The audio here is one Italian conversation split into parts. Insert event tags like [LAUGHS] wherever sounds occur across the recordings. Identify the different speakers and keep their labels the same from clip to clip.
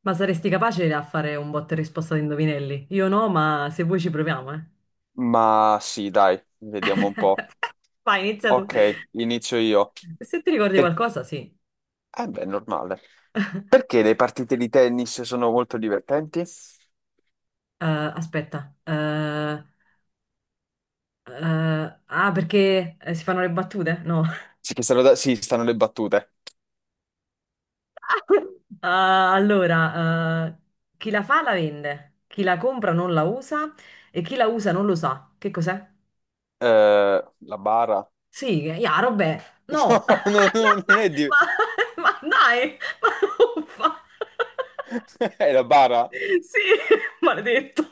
Speaker 1: Ma saresti capace a fare un botta e risposta di indovinelli? Io no, ma se vuoi ci proviamo, eh.
Speaker 2: Ma sì, dai, vediamo un po'.
Speaker 1: Vai, inizia tu.
Speaker 2: Ok, inizio io.
Speaker 1: Se ti ricordi
Speaker 2: Per...
Speaker 1: qualcosa, sì.
Speaker 2: Beh, è normale. Perché le partite di tennis sono molto divertenti? Sì,
Speaker 1: Eh, aspetta. Eh, ah, perché si fanno le battute? No.
Speaker 2: che stanno, da- sì, stanno le battute.
Speaker 1: [LAUGHS] Ah, allora, chi la fa la vende, chi la compra non la usa e chi la usa non lo sa. Che cos'è?
Speaker 2: La bara?
Speaker 1: Sì, chiaro, vabbè.
Speaker 2: [LAUGHS]
Speaker 1: No. [LAUGHS]
Speaker 2: No, no, no,
Speaker 1: No,
Speaker 2: non è di...
Speaker 1: ma, ma dai, ma uffa.
Speaker 2: [LAUGHS] È la bara?
Speaker 1: Sì, [LAUGHS] maledetto.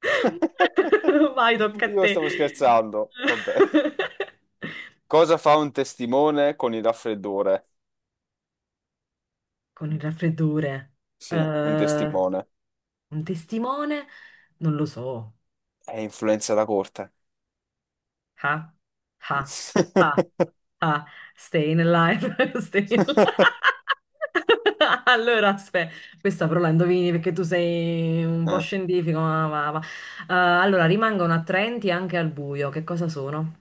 Speaker 1: [LAUGHS] Vai, tocca a
Speaker 2: Io
Speaker 1: te.
Speaker 2: stavo scherzando. Vabbè.
Speaker 1: [LAUGHS]
Speaker 2: Cosa fa un testimone con il raffreddore?
Speaker 1: Con il raffreddore. Eh,
Speaker 2: Sì, un testimone.
Speaker 1: un testimone? Non lo so.
Speaker 2: È influenza da corte.
Speaker 1: Ha, ha, ha, ha. Staying alive, [LAUGHS] staying alive.
Speaker 2: [LAUGHS]
Speaker 1: [LAUGHS] Allora, aspetta, questa però la indovini perché tu sei un po'
Speaker 2: Eh,
Speaker 1: scientifico. Allora, rimangono attraenti anche al buio. Che cosa sono?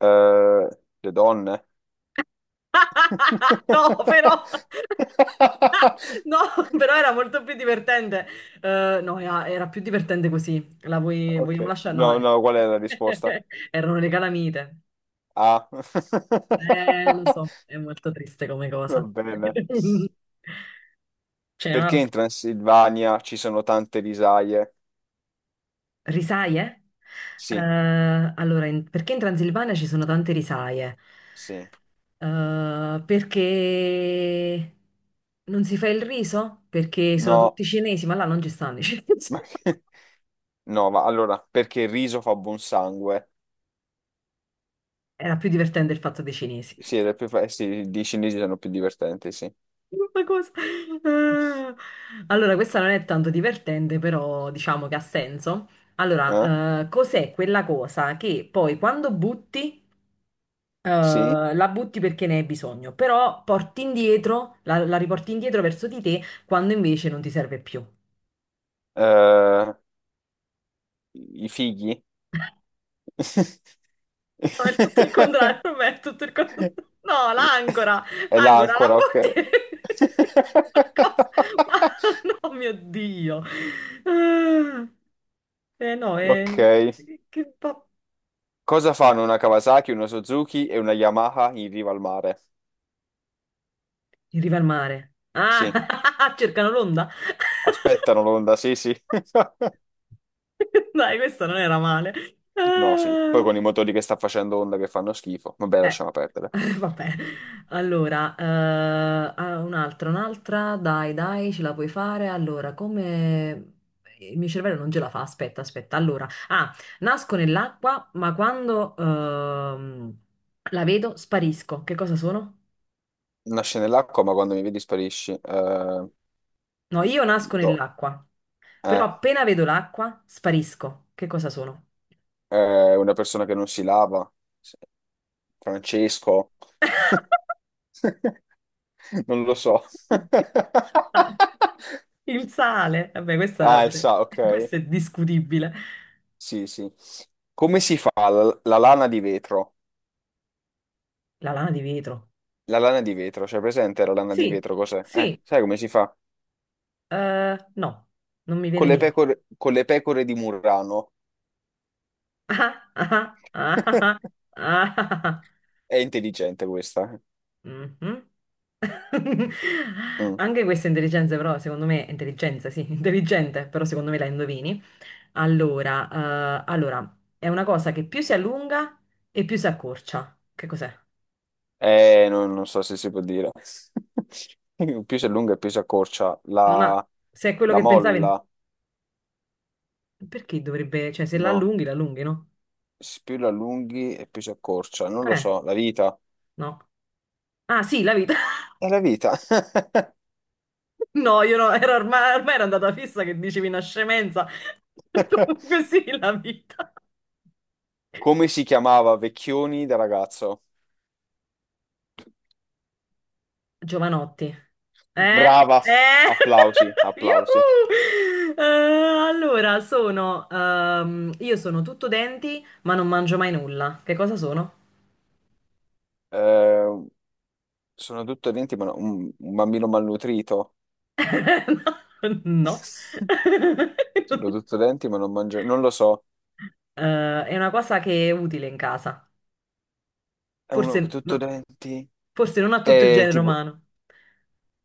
Speaker 2: le donne?
Speaker 1: [LAUGHS] No, però... [LAUGHS]
Speaker 2: [LAUGHS]
Speaker 1: No, però era molto più divertente. No, era più divertente così.
Speaker 2: Ok,
Speaker 1: Vogliamo lasciare? No,
Speaker 2: no,
Speaker 1: eh.
Speaker 2: no, qual è la risposta?
Speaker 1: [LAUGHS] Erano le calamite.
Speaker 2: A. [LAUGHS]
Speaker 1: Lo so, è molto triste come
Speaker 2: Va
Speaker 1: cosa.
Speaker 2: bene.
Speaker 1: [LAUGHS] C'è
Speaker 2: Perché in
Speaker 1: un'altra.
Speaker 2: Transilvania ci sono tante risaie?
Speaker 1: Risaie? Eh,
Speaker 2: Sì,
Speaker 1: allora, perché in Transilvania ci sono tante risaie?
Speaker 2: sì.
Speaker 1: Perché non si fa il riso? Perché sono
Speaker 2: No,
Speaker 1: tutti cinesi, ma là non ci stanno i cinesi.
Speaker 2: ma
Speaker 1: [LAUGHS]
Speaker 2: che- no, ma allora, perché il riso fa buon sangue?
Speaker 1: Era più divertente il fatto dei cinesi.
Speaker 2: Sì, sì, i cinesi sono più divertenti, sì.
Speaker 1: Ma cosa? Eh, Allora, questa non è tanto divertente, però diciamo che ha senso.
Speaker 2: Eh?
Speaker 1: Allora, cos'è quella cosa che poi quando butti
Speaker 2: Sì?
Speaker 1: la butti perché ne hai bisogno, però porti indietro, la riporti indietro verso di te quando invece non ti serve più.
Speaker 2: Eh, i fighi?
Speaker 1: No, è tutto il contrario, per
Speaker 2: [LAUGHS]
Speaker 1: me è tutto il contrario. No, l'ancora,
Speaker 2: È
Speaker 1: l'ancora, la
Speaker 2: l'ancora, ok.
Speaker 1: butti. [LAUGHS] Ma cosa? Ma
Speaker 2: [LAUGHS]
Speaker 1: [LAUGHS] no, mio Dio. Ah. Eh no,
Speaker 2: Ok.
Speaker 1: che fa?
Speaker 2: Cosa fanno una Kawasaki, una Suzuki e una Yamaha in riva al mare?
Speaker 1: In riva al mare.
Speaker 2: Sì.
Speaker 1: Ah, [LAUGHS] cercano l'onda.
Speaker 2: Aspettano l'onda, sì, sì. [LAUGHS]
Speaker 1: [LAUGHS] Dai, questa non era male.
Speaker 2: No, sì. Poi
Speaker 1: Ah.
Speaker 2: con i motori che sta facendo onda che fanno schifo. Vabbè,
Speaker 1: Eh,
Speaker 2: lasciamo perdere.
Speaker 1: [LAUGHS] vabbè. Allora, ah, un'altra, un'altra, dai, dai, ce la puoi fare. Allora, come... Il mio cervello non ce la fa, aspetta, aspetta. Allora, ah, nasco nell'acqua, ma quando la vedo sparisco. Che cosa sono?
Speaker 2: Nasce nell'acqua, ma quando mi vedi sparisci.
Speaker 1: No, io nasco
Speaker 2: Gli do.
Speaker 1: nell'acqua, però
Speaker 2: Eh,
Speaker 1: appena vedo l'acqua sparisco. Che cosa sono?
Speaker 2: una persona che non si lava. Sì. Francesco. [LAUGHS] Non lo so. [LAUGHS]
Speaker 1: [LAUGHS] Ah, il sale. Vabbè, questa, [LAUGHS]
Speaker 2: Ok.
Speaker 1: questa è discutibile.
Speaker 2: Sì, sì. Come si fa la lana di vetro?
Speaker 1: La lana di vetro.
Speaker 2: La lana di vetro, c'è presente la lana di
Speaker 1: Sì,
Speaker 2: vetro? Cos'è?
Speaker 1: sì.
Speaker 2: Sai come si fa?
Speaker 1: No, non mi viene niente.
Speaker 2: Con le pecore di Murrano.
Speaker 1: [LAUGHS] Ah, ah, ah, ah,
Speaker 2: [LAUGHS]
Speaker 1: ah, ah, ah.
Speaker 2: È intelligente questa.
Speaker 1: Mhm. [LAUGHS]
Speaker 2: Mm.
Speaker 1: Anche questa intelligenza, però, secondo me, intelligenza, sì, intelligente, però secondo me la indovini. Allora, è una cosa che più si allunga e più si accorcia. Che cos'è?
Speaker 2: Non so se si può dire. [LAUGHS] Più si allunga e più si accorcia.
Speaker 1: Non ha- Se è quello
Speaker 2: La
Speaker 1: che pensavi,
Speaker 2: molla,
Speaker 1: perché dovrebbe, cioè, se la
Speaker 2: no.
Speaker 1: allunghi, la allunghi, no?
Speaker 2: Più la allunghi e più si accorcia. Non lo
Speaker 1: Eh,
Speaker 2: so, la vita.
Speaker 1: no. Ah, sì, la vita.
Speaker 2: È la vita.
Speaker 1: No, io no, era ormai, ormai era andata fissa che dicevi una scemenza. [LAUGHS]
Speaker 2: [LAUGHS]
Speaker 1: Comunque sì, la vita.
Speaker 2: Come si chiamava Vecchioni da ragazzo?
Speaker 1: Giovanotti. Eh?
Speaker 2: Brava.
Speaker 1: Eh?
Speaker 2: Applausi,
Speaker 1: [LAUGHS]
Speaker 2: applausi.
Speaker 1: Yuhu! Allora, sono... io sono tutto denti, ma non mangio mai nulla. Che cosa sono?
Speaker 2: Eh, sono tutto denti, un bambino malnutrito.
Speaker 1: [LAUGHS] No.
Speaker 2: [LAUGHS]
Speaker 1: [LAUGHS]
Speaker 2: Sono tutto denti, ma non mangio. Non lo so.
Speaker 1: È una cosa che è utile in casa.
Speaker 2: È uno
Speaker 1: Forse,
Speaker 2: tutto
Speaker 1: no-
Speaker 2: denti.
Speaker 1: forse non a tutto il
Speaker 2: È
Speaker 1: genere
Speaker 2: tipo,
Speaker 1: umano.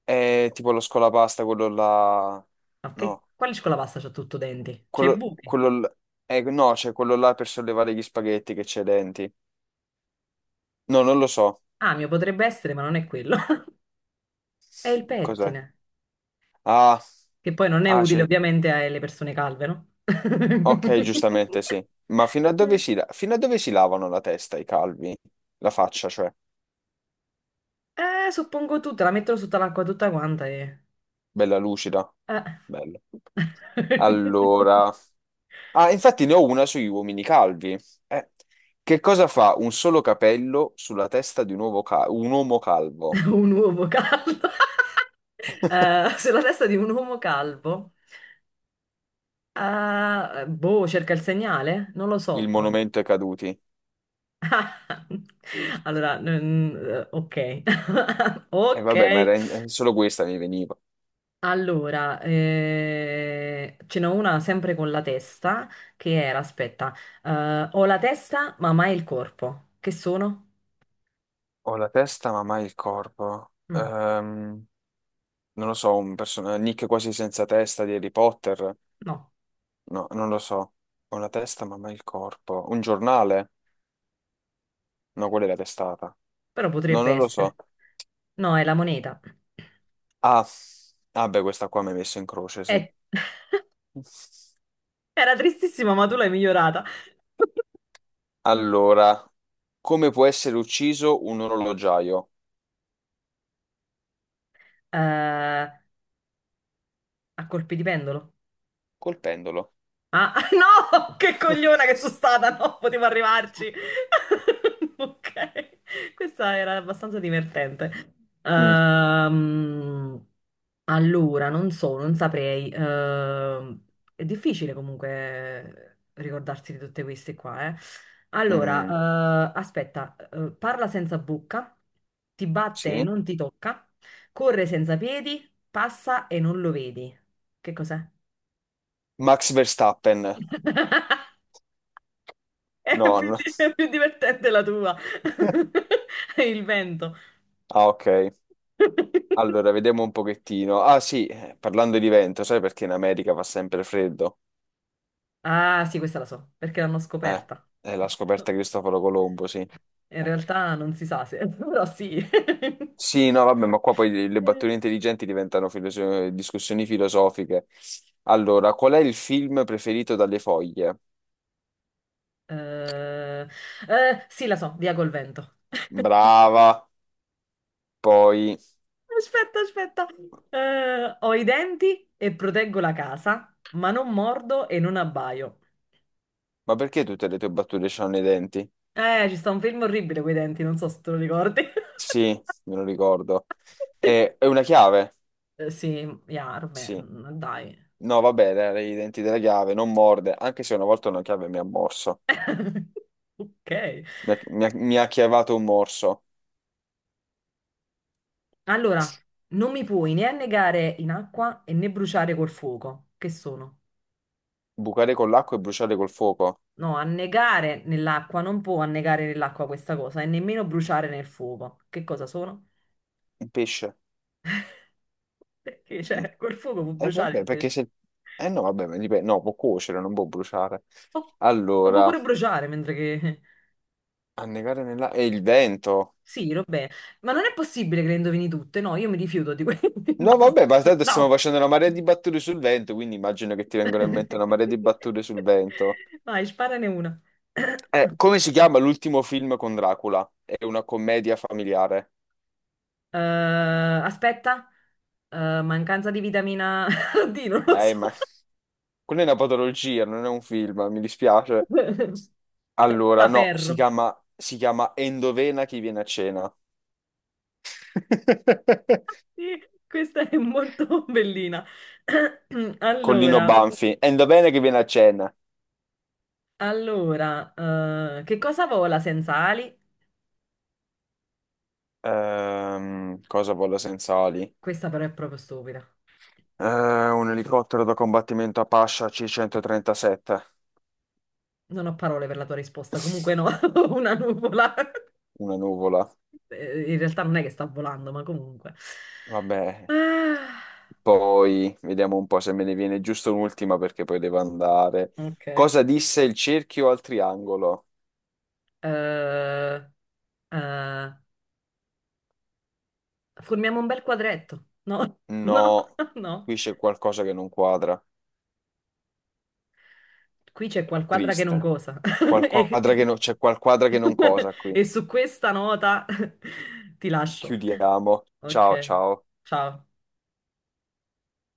Speaker 2: è tipo lo scolapasta, quello là.
Speaker 1: Ok,
Speaker 2: No,
Speaker 1: quale scuola pasta c'ha tutto denti? C'è i
Speaker 2: quello,
Speaker 1: buchi.
Speaker 2: quello l- no, c'è quello là per sollevare gli spaghetti che c'è i denti. No, non lo so.
Speaker 1: Amio potrebbe essere, ma non è quello. [LAUGHS] È il
Speaker 2: Cos'è?
Speaker 1: pettine,
Speaker 2: Ah,
Speaker 1: che poi non è
Speaker 2: ah
Speaker 1: utile
Speaker 2: sì.
Speaker 1: ovviamente alle persone calve, no?
Speaker 2: Ok, giustamente
Speaker 1: [LAUGHS]
Speaker 2: sì. Ma fino a dove si lavano la testa i calvi? La faccia, cioè.
Speaker 1: Suppongo tutta, la mettono sotto l'acqua tutta quanta e...
Speaker 2: Bella lucida.
Speaker 1: eh.
Speaker 2: Bello.
Speaker 1: [LAUGHS]
Speaker 2: Allora... Ah, infatti ne ho una sugli uomini calvi. Eh, che cosa fa un solo capello sulla testa di un uomo calvo?
Speaker 1: Un uomo calvo. [LAUGHS]
Speaker 2: [LAUGHS]
Speaker 1: Sulla testa di un uomo calvo. Boh, cerca il segnale? Non lo
Speaker 2: Il
Speaker 1: so.
Speaker 2: monumento ai caduti.
Speaker 1: [LAUGHS] Allora, ok. [LAUGHS]
Speaker 2: E
Speaker 1: Ok.
Speaker 2: vabbè, ma solo questa mi veniva.
Speaker 1: Allora, ce n'ho una sempre con la testa, che era, aspetta, ho la testa ma mai il corpo. Che sono?
Speaker 2: Ho la testa, ma mai il corpo.
Speaker 1: Mm,
Speaker 2: Non lo so, un personaggio, Nick quasi senza testa di Harry Potter,
Speaker 1: no,
Speaker 2: no, non lo so, ho la testa ma mai il corpo, un giornale, no, quella è la testata,
Speaker 1: però
Speaker 2: no,
Speaker 1: potrebbe
Speaker 2: non lo so,
Speaker 1: essere. No, è la moneta.
Speaker 2: ah, ah beh, questa qua mi hai messo in croce, sì.
Speaker 1: Eh, [LAUGHS] era tristissima, ma tu l'hai migliorata.
Speaker 2: Allora, come può essere ucciso un orologiaio?
Speaker 1: A colpi di pendolo.
Speaker 2: Col pendolo.
Speaker 1: Ah, [LAUGHS] no! Che cogliona che sono
Speaker 2: [LAUGHS]
Speaker 1: stata! No, potevo arrivarci. [LAUGHS] Ok, questa era abbastanza divertente.
Speaker 2: Mm,
Speaker 1: Ehm, allora, non so, non saprei. È difficile comunque ricordarsi di tutte queste qua, eh. Allora,
Speaker 2: mm,
Speaker 1: parla senza bocca, ti batte e
Speaker 2: sì.
Speaker 1: non ti tocca, corre senza piedi, passa e non lo vedi. Che cos'è?
Speaker 2: Max Verstappen.
Speaker 1: [LAUGHS]
Speaker 2: No, no.
Speaker 1: È più divertente la tua.
Speaker 2: [LAUGHS]
Speaker 1: [LAUGHS] Il vento.
Speaker 2: Ah, ok. Allora, vediamo un pochettino. Ah, sì, parlando di vento, sai perché in America fa sempre freddo?
Speaker 1: Ah, sì, questa la so, perché l'hanno
Speaker 2: Eh,
Speaker 1: scoperta.
Speaker 2: è la scoperta di Cristoforo Colombo, sì.
Speaker 1: In
Speaker 2: Eh.
Speaker 1: realtà non si sa se, [LAUGHS] però sì.
Speaker 2: Sì, no, vabbè, ma qua poi le battute
Speaker 1: Eh,
Speaker 2: intelligenti diventano discussioni filosofiche. Allora, qual è il film preferito dalle foglie?
Speaker 1: eh, sì, la so, via col vento.
Speaker 2: Brava. Poi,
Speaker 1: Aspetta, aspetta. Ho i denti e proteggo la casa, ma non mordo e non abbaio.
Speaker 2: ma perché tutte le tue battute hanno i denti?
Speaker 1: Ci sta un film orribile con i denti, non so se te lo ricordi. [LAUGHS]
Speaker 2: Sì, me lo ricordo. È, una chiave?
Speaker 1: Sì, Yarme,
Speaker 2: Sì.
Speaker 1: dai.
Speaker 2: No, vabbè, dai, i denti della chiave, non morde, anche se una volta una chiave mi ha morso.
Speaker 1: [LAUGHS] Ok.
Speaker 2: Mi ha chiavato un morso.
Speaker 1: Allora, non mi puoi né annegare in acqua e né bruciare col fuoco. Che sono?
Speaker 2: Bucare con l'acqua e bruciare col fuoco.
Speaker 1: No, annegare nell'acqua non può annegare nell'acqua questa cosa e nemmeno bruciare nel fuoco. Che cosa sono?
Speaker 2: Un pesce.
Speaker 1: Perché, cioè, col fuoco può bruciare
Speaker 2: Vabbè,
Speaker 1: il
Speaker 2: perché
Speaker 1: pesce.
Speaker 2: se... Eh no, vabbè, ma dipende. No, può cuocere, non può bruciare.
Speaker 1: Oh, lo può
Speaker 2: Allora,
Speaker 1: pure bruciare mentre che... [LAUGHS]
Speaker 2: annegare nella... E il vento.
Speaker 1: Sì, vabbè. Ma non è possibile che le indovini tutte. No, io mi rifiuto di questo. [LAUGHS]
Speaker 2: No,
Speaker 1: Basta.
Speaker 2: vabbè, ma tanto
Speaker 1: No.
Speaker 2: stiamo facendo una marea di battute sul vento, quindi immagino che ti vengano in mente una marea di
Speaker 1: [LAUGHS]
Speaker 2: battute sul vento.
Speaker 1: Vai, sparane una. [CLEARS THROAT] [COUGHS]
Speaker 2: Come si chiama l'ultimo film con Dracula? È una commedia familiare.
Speaker 1: Eh, aspetta, eh, mancanza di vitamina [LAUGHS] D, non lo so.
Speaker 2: Ma [LAUGHS] quella è una patologia, non è un film, mi dispiace.
Speaker 1: [LAUGHS]
Speaker 2: Allora,
Speaker 1: Senza
Speaker 2: no,
Speaker 1: ferro.
Speaker 2: si chiama Endovena chi viene a cena. [LAUGHS]
Speaker 1: Sì, questa è molto bellina. [CLEARS THROAT]
Speaker 2: Collino
Speaker 1: Allora,
Speaker 2: Banfi. Endovena chi viene a cena.
Speaker 1: allora, che cosa vola senza ali?
Speaker 2: Cosa vola senza ali?
Speaker 1: Questa però è proprio stupida.
Speaker 2: Un elicottero da combattimento Apache C-137,
Speaker 1: Non ho parole per la tua risposta. Comunque no, [LAUGHS] una nuvola. [LAUGHS]
Speaker 2: una nuvola.
Speaker 1: In realtà non è che sta volando, ma comunque.
Speaker 2: Vabbè,
Speaker 1: Ah,
Speaker 2: poi vediamo un po' se me ne viene giusto un'ultima perché poi devo andare.
Speaker 1: ok.
Speaker 2: Cosa disse il cerchio al triangolo?
Speaker 1: Eh, eh, formiamo un bel quadretto. No, [LAUGHS] no,
Speaker 2: No,
Speaker 1: no.
Speaker 2: qui c'è qualcosa che non quadra.
Speaker 1: Qui c'è qualquadra che non
Speaker 2: Triste.
Speaker 1: cosa.
Speaker 2: Qual
Speaker 1: [LAUGHS] E,
Speaker 2: quadra che non- C'è qualquadra che non cosa
Speaker 1: [LAUGHS]
Speaker 2: qui.
Speaker 1: e su questa nota [LAUGHS] ti lascio.
Speaker 2: Chiudiamo. Ciao,
Speaker 1: Ok,
Speaker 2: ciao.
Speaker 1: ciao.